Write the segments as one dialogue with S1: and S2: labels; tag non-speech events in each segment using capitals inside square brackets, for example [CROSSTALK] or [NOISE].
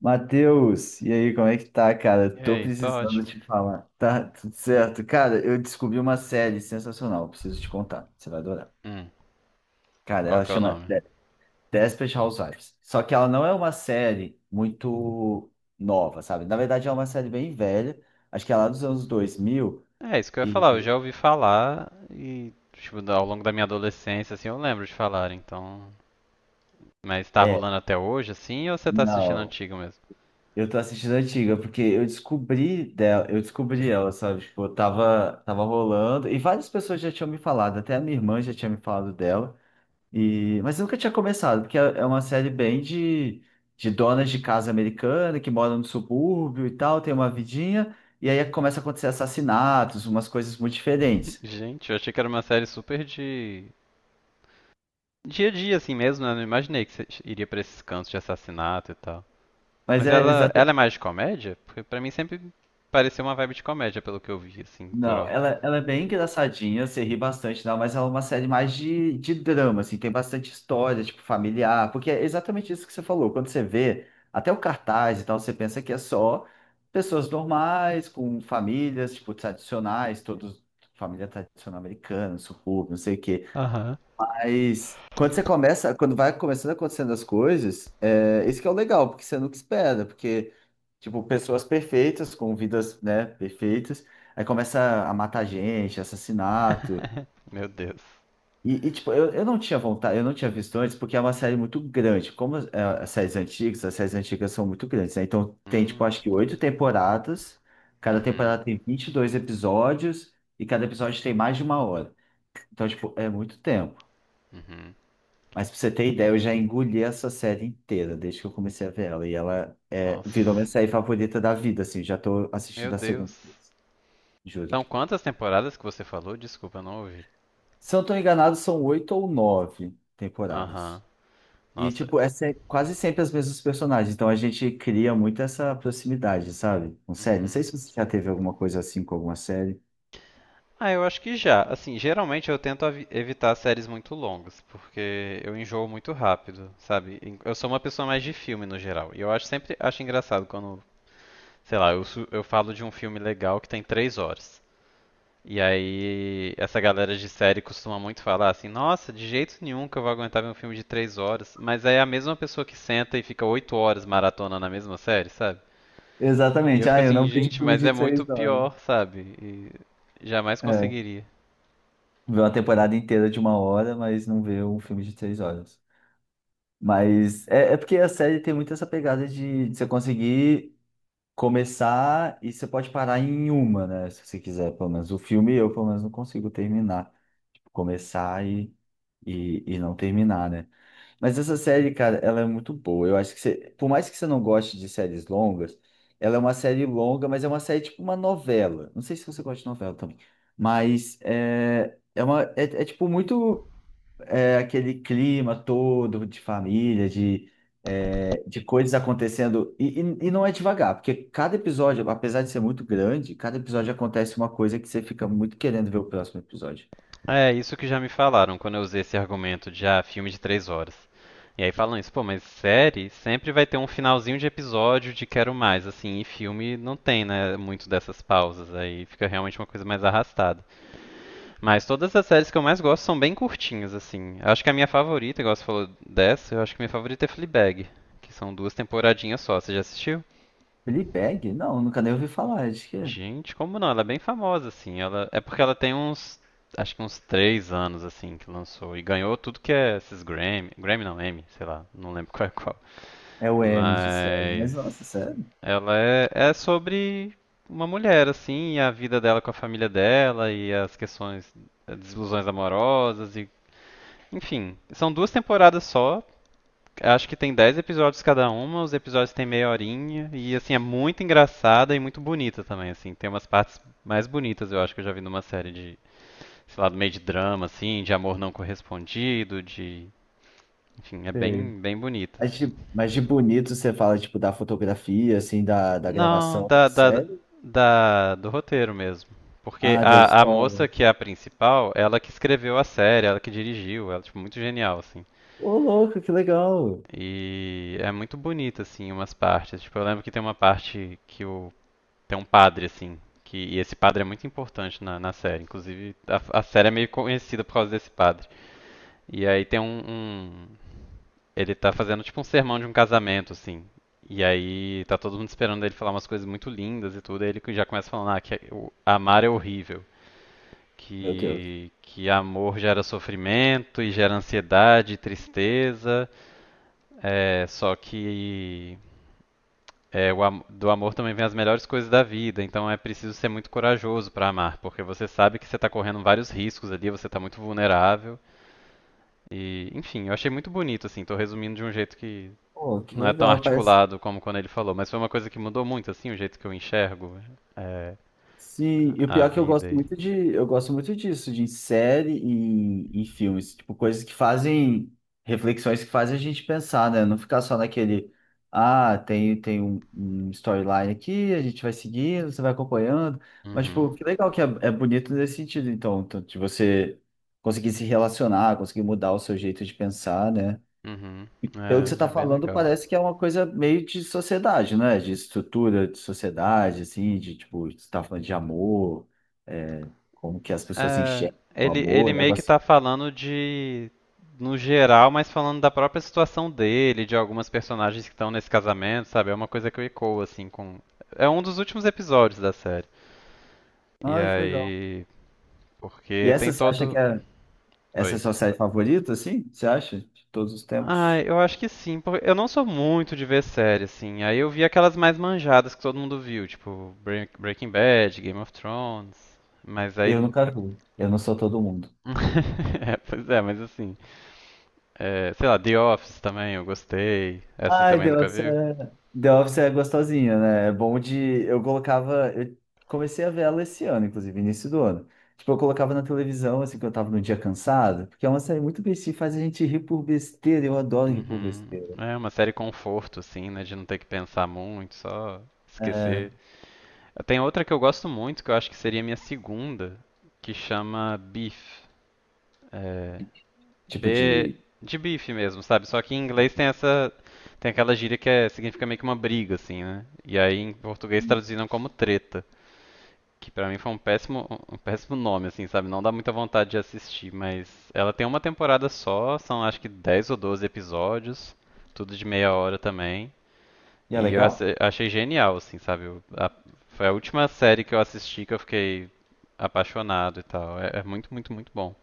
S1: Matheus, e aí, como é que tá, cara?
S2: E
S1: Tô
S2: aí, tá
S1: precisando
S2: ótimo.
S1: te falar. Tá tudo certo? Cara, eu descobri uma série sensacional, preciso te contar, você vai adorar.
S2: Hum.
S1: Cara,
S2: Qual que é o nome?
S1: Desperate Housewives. Só que ela não é uma série muito nova, sabe? Na verdade, é uma série bem velha, acho que é lá dos anos 2000.
S2: É, isso que eu ia falar, eu
S1: e
S2: já ouvi falar e, tipo, ao longo da minha adolescência, assim, eu lembro de falar, então. Mas tá
S1: é,
S2: rolando até hoje, assim, ou você tá assistindo
S1: não,
S2: antigo mesmo?
S1: eu tô assistindo a antiga porque eu descobri ela, sabe? Tipo, eu tava rolando e várias pessoas já tinham me falado, até a minha irmã já tinha me falado dela. E, mas eu nunca tinha começado, porque é uma série bem de donas de casa americana que moram no subúrbio e tal, tem uma vidinha, e aí começa a acontecer assassinatos, umas coisas muito
S2: [LAUGHS]
S1: diferentes.
S2: Gente, eu achei que era uma série super de. Dia a dia, assim mesmo, né? Eu não imaginei que você iria pra esses cantos de assassinato e tal.
S1: Mas
S2: Mas
S1: é
S2: ela é mais de comédia? Porque pra mim sempre pareceu uma vibe de comédia, pelo que eu vi, assim, por
S1: Não,
S2: alto.
S1: ela é bem engraçadinha, você ri bastante, não, mas ela é uma série mais de drama, assim, tem bastante história, tipo, familiar, porque é exatamente isso que você falou. Quando você vê até o cartaz e tal, você pensa que é só pessoas normais, com famílias, tipo, tradicionais, todos, família tradicional americana, subúrbio, não sei o quê.
S2: Aham.
S1: Mas quando você começa, quando vai começando acontecendo as coisas, é, esse que é o legal, porque você nunca espera, porque, tipo, pessoas perfeitas, com vidas, né, perfeitas, aí começa a matar gente, assassinato.
S2: [LAUGHS] Meu Deus.
S1: E, tipo, eu não tinha vontade, eu não tinha visto antes, porque é uma série muito grande. As séries antigas são muito grandes, né? Então tem, tipo,
S2: Hum.
S1: acho que oito temporadas, cada
S2: Uhum.
S1: temporada tem 22 episódios, e cada episódio tem mais de uma hora. Então, tipo, é muito tempo.
S2: Uhum.
S1: Mas pra você ter ideia, eu já engoli essa série inteira desde que eu comecei a ver ela. E ela é, virou minha
S2: Nossa.
S1: série favorita da vida, assim. Já tô
S2: Meu
S1: assistindo a
S2: Deus.
S1: segunda vez, juro.
S2: São quantas temporadas que você falou? Desculpa, eu não ouvi.
S1: Se eu não tô enganado, são oito ou nove
S2: Aham.
S1: temporadas. E,
S2: Nossa.
S1: tipo, quase sempre as mesmas personagens. Então a gente cria muito essa proximidade, sabe? Com série. Não
S2: Uhum.
S1: sei se você já teve alguma coisa assim com alguma série.
S2: Ah, eu acho que já. Assim, geralmente eu tento evitar séries muito longas, porque eu enjoo muito rápido, sabe? Eu sou uma pessoa mais de filme no geral. E eu acho sempre acho engraçado quando, sei lá, eu falo de um filme legal que tem 3 horas. E aí, essa galera de série costuma muito falar assim: Nossa, de jeito nenhum que eu vou aguentar ver um filme de 3 horas. Mas aí é a mesma pessoa que senta e fica 8 horas maratona na mesma série, sabe? E eu
S1: Exatamente.
S2: fico
S1: Ah, eu
S2: assim:
S1: não vejo
S2: Gente,
S1: filme
S2: mas
S1: de
S2: é muito
S1: 3 horas.
S2: pior, sabe? E jamais
S1: É.
S2: conseguiria.
S1: Vê uma temporada inteira de uma hora, mas não vê um filme de 3 horas. Mas é, é porque a série tem muito essa pegada de você conseguir começar e você pode parar em uma, né? Se você quiser, pelo menos. O filme eu, pelo menos, não consigo terminar. Tipo, começar e, e não terminar, né? Mas essa série, cara, ela é muito boa. Eu acho que você, por mais que você não goste de séries longas, ela é uma série longa, mas é uma série tipo uma novela. Não sei se você gosta de novela também, mas tipo muito aquele clima todo de família, de, é, de coisas acontecendo. E não é devagar, porque cada episódio, apesar de ser muito grande, cada episódio acontece uma coisa que você fica muito querendo ver o próximo episódio.
S2: É isso que já me falaram quando eu usei esse argumento de ah, filme de 3 horas. E aí falam isso, pô, mas série sempre vai ter um finalzinho de episódio de quero mais, assim, e filme não tem, né, muito dessas pausas, aí fica realmente uma coisa mais arrastada. Mas todas as séries que eu mais gosto são bem curtinhas, assim. Eu acho que a minha favorita, igual você falou dessa, eu acho que a minha favorita é Fleabag, que são duas temporadinhas só. Você já assistiu?
S1: Fleabag? Não, nunca nem ouvi falar. Acho que é,
S2: Gente, como não? Ela é bem famosa, assim. Ela. É porque ela tem uns, acho que uns 3 anos, assim, que lançou. E ganhou tudo que é esses Grammy. Grammy não, Emmy, sei lá. Não lembro [LAUGHS] qual é qual.
S1: é o M de série. Mas,
S2: Mas
S1: nossa, sério?
S2: ela é sobre uma mulher, assim, e a vida dela com a família dela e as questões, as desilusões amorosas Enfim, são duas temporadas só. Acho que tem 10 episódios cada uma, os episódios têm meia horinha e assim é muito engraçada e muito bonita também, assim, tem umas partes mais bonitas, eu acho que eu já vi numa série de, sei lá, do meio de drama assim, de amor não correspondido, de, enfim, é
S1: Sei.
S2: bem bem bonita assim.
S1: Mas de bonito você fala, tipo, da fotografia, assim, da
S2: Não,
S1: gravação da
S2: da, da,
S1: série.
S2: da do roteiro mesmo. Porque
S1: Ah, da
S2: a
S1: história.
S2: moça que é a principal, ela que escreveu a série, ela que dirigiu, ela tipo muito genial assim.
S1: Ô, louco, que legal.
S2: E é muito bonito, assim, umas partes. Tipo, eu lembro que tem uma parte que o. Tem um padre, assim, que. E esse padre é muito importante na série. Inclusive, a série é meio conhecida por causa desse padre. E aí tem um, um. Ele tá fazendo tipo um sermão de um casamento, assim. E aí tá todo mundo esperando ele falar umas coisas muito lindas e tudo. Aí ele já começa falando, ah, que amar é horrível.
S1: Meu Deus.
S2: Que amor gera sofrimento e gera ansiedade e tristeza. É, só que É, do amor também vem as melhores coisas da vida, então é preciso ser muito corajoso para amar, porque você sabe que você está correndo vários riscos ali, você está muito vulnerável. E, enfim, eu achei muito bonito, assim, tô resumindo de um jeito que
S1: Pô, que
S2: não é tão
S1: legal. Parece.
S2: articulado como quando ele falou, mas foi uma coisa que mudou muito, assim, o jeito que eu enxergo é,
S1: Sim, e o
S2: a
S1: pior é que eu
S2: vida.
S1: gosto
S2: E.
S1: muito de, eu gosto muito disso, de série e filmes, tipo, coisas que fazem, reflexões que fazem a gente pensar, né? Não ficar só naquele, ah, tem um storyline aqui, a gente vai seguindo, você vai acompanhando, mas,
S2: Uhum,
S1: tipo, que legal que é, é bonito nesse sentido, então, tanto de você conseguir se relacionar, conseguir mudar o seu jeito de pensar, né?
S2: uhum,
S1: Pelo que você
S2: é,
S1: está
S2: é bem
S1: falando,
S2: legal.
S1: parece que é uma coisa meio de sociedade, né? De estrutura de sociedade, assim, de tipo, você está falando de amor, é, como que as pessoas
S2: É,
S1: enxergam o
S2: ele
S1: amor, o
S2: meio que
S1: negócio.
S2: tá falando de, no geral, mas falando da própria situação dele, de algumas personagens que estão nesse casamento, sabe? É uma coisa que eu ecoo, assim, com. É um dos últimos episódios da série. E
S1: Ai, que legal.
S2: aí.
S1: E
S2: Porque tem
S1: essa você acha que
S2: todo.
S1: é Essa é a
S2: Oi.
S1: sua série favorita, assim? Você acha? De todos os
S2: Ah,
S1: tempos?
S2: eu acho que sim, porque eu não sou muito de ver série, assim. Aí eu vi aquelas mais manjadas que todo mundo viu, tipo Breaking Bad, Game of Thrones. Mas aí.
S1: Eu nunca vi. Eu não sou todo mundo.
S2: [LAUGHS] É, pois é, mas assim. É, sei lá, The Office também, eu gostei. Essa você
S1: Ai,
S2: também nunca viu?
S1: The Office é gostosinha, né? É bom de. Eu colocava. Eu comecei a ver ela esse ano, inclusive, início do ano. Tipo, eu colocava na televisão, assim, quando eu tava num dia cansado, porque é uma série muito bestinha, faz a gente rir por besteira. Eu adoro rir por
S2: Uhum.
S1: besteira.
S2: É uma série conforto, assim, né? De não ter que pensar muito, só
S1: É,
S2: esquecer. Tem outra que eu gosto muito, que eu acho que seria minha segunda, que chama Beef. É,
S1: tipo
S2: B
S1: de.
S2: de bife mesmo, sabe? Só que em inglês tem essa. Tem aquela gíria que significa meio que uma briga, assim, né? E aí em português traduziram como treta. Que pra mim foi um péssimo nome, assim, sabe? Não dá muita vontade de assistir, mas ela tem uma temporada só, são acho que 10 ou 12 episódios, tudo de meia hora também.
S1: E é
S2: E eu
S1: legal,
S2: achei genial, assim, sabe? Foi a última série que eu assisti que eu fiquei apaixonado e tal. É muito, muito, muito bom.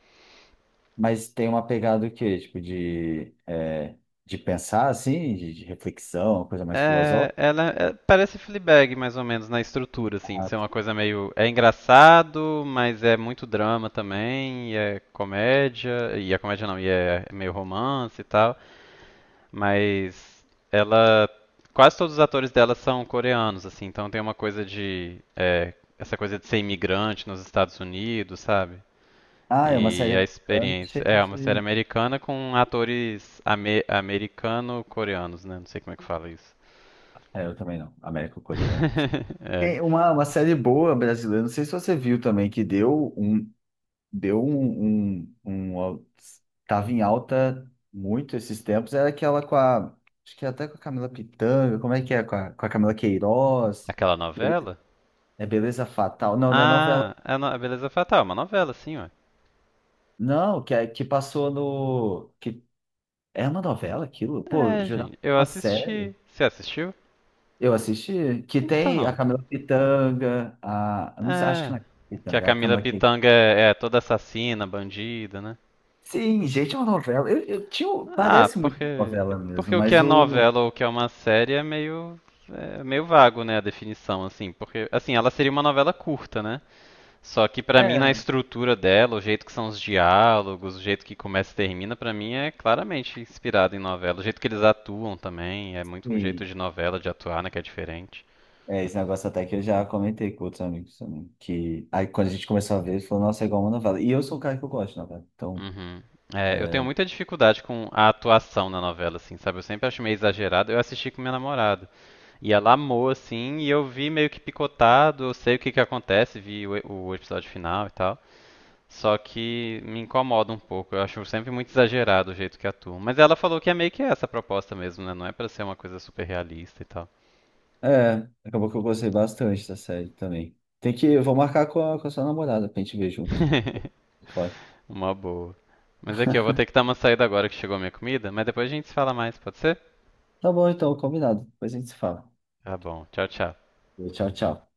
S1: mas tem uma pegada o quê? Tipo de. É, de pensar, assim, de reflexão, uma coisa mais
S2: É,
S1: filosófica.
S2: ela é, parece Fleabag mais ou menos na estrutura, assim, de
S1: Ah,
S2: ser
S1: tá.
S2: uma coisa meio engraçado, mas é muito drama também, e é comédia não, e é meio romance e tal, mas ela quase todos os atores dela são coreanos, assim, então tem uma coisa de essa coisa de ser imigrante nos Estados Unidos, sabe?
S1: Ah, é uma
S2: E
S1: série
S2: a
S1: americana
S2: experiência
S1: cheia
S2: é uma série
S1: de.
S2: americana com atores americano-coreanos, né? Não sei como é que fala isso.
S1: É, eu também não. Américo-coreano.
S2: [LAUGHS] É.
S1: Tem uma série boa brasileira, não sei se você viu também, que deu um, um, um al- tava em alta muito esses tempos, era aquela com a, acho que é até com a Camila Pitanga, como é que é, com a Camila Queiroz.
S2: Aquela
S1: Bele-
S2: novela?
S1: É Beleza Fatal, não, da novela,
S2: Ah, é a Beleza Fatal, é uma novela, sim, ué.
S1: não, que, que passou no, que é uma novela aquilo, pô,
S2: É,
S1: jurava que
S2: gente,
S1: era
S2: eu
S1: uma série,
S2: assisti. Você assistiu?
S1: eu assisti, que tem a
S2: Então,
S1: Camila Pitanga, eu não sei, acho que
S2: é.
S1: não é a Camila
S2: Que a
S1: Pitanga, é a
S2: Camila
S1: Camila Queiroz.
S2: Pitanga é toda assassina, bandida, né?
S1: Sim, gente, é uma novela. Eu tinha,
S2: Ah,
S1: parece muito uma
S2: porque.
S1: novela mesmo,
S2: Porque o que é
S1: mas o.
S2: novela ou o que é uma série é meio. É meio vago, né, a definição, assim. Porque, assim, ela seria uma novela curta, né? Só que pra mim na
S1: É,
S2: estrutura dela, o jeito que são os diálogos, o jeito que começa e termina, pra mim é claramente inspirado em novela. O jeito que eles atuam também é muito um jeito
S1: sim.
S2: de novela de atuar, né, que é diferente.
S1: É, esse negócio até que eu já comentei com outros amigos também. Que aí quando a gente começou a ver, ele falou, nossa, é igual uma novela. E eu sou o cara que eu gosto de novela. Então,
S2: Uhum. É, eu tenho muita dificuldade com a atuação na novela, assim, sabe? Eu sempre acho meio exagerado. Eu assisti com minha namorada. E ela amou, assim, e eu vi meio que picotado, eu sei o que que acontece, vi o episódio final e tal. Só que me incomoda um pouco. Eu acho sempre muito exagerado o jeito que atuam. Mas ela falou que é meio que essa a proposta mesmo, né? Não é pra ser uma coisa super realista e tal.
S1: é, acabou que eu gostei bastante da série também. Eu vou marcar com a sua namorada pra gente ver junto.
S2: [LAUGHS]
S1: Pode.
S2: Uma boa. Mas aqui, eu vou ter que dar uma saída agora que chegou a minha comida, mas depois a gente se fala mais, pode ser?
S1: Tá bom, então, combinado. Depois a gente se fala.
S2: Tá bom. Tchau, tchau.
S1: Tchau, tchau.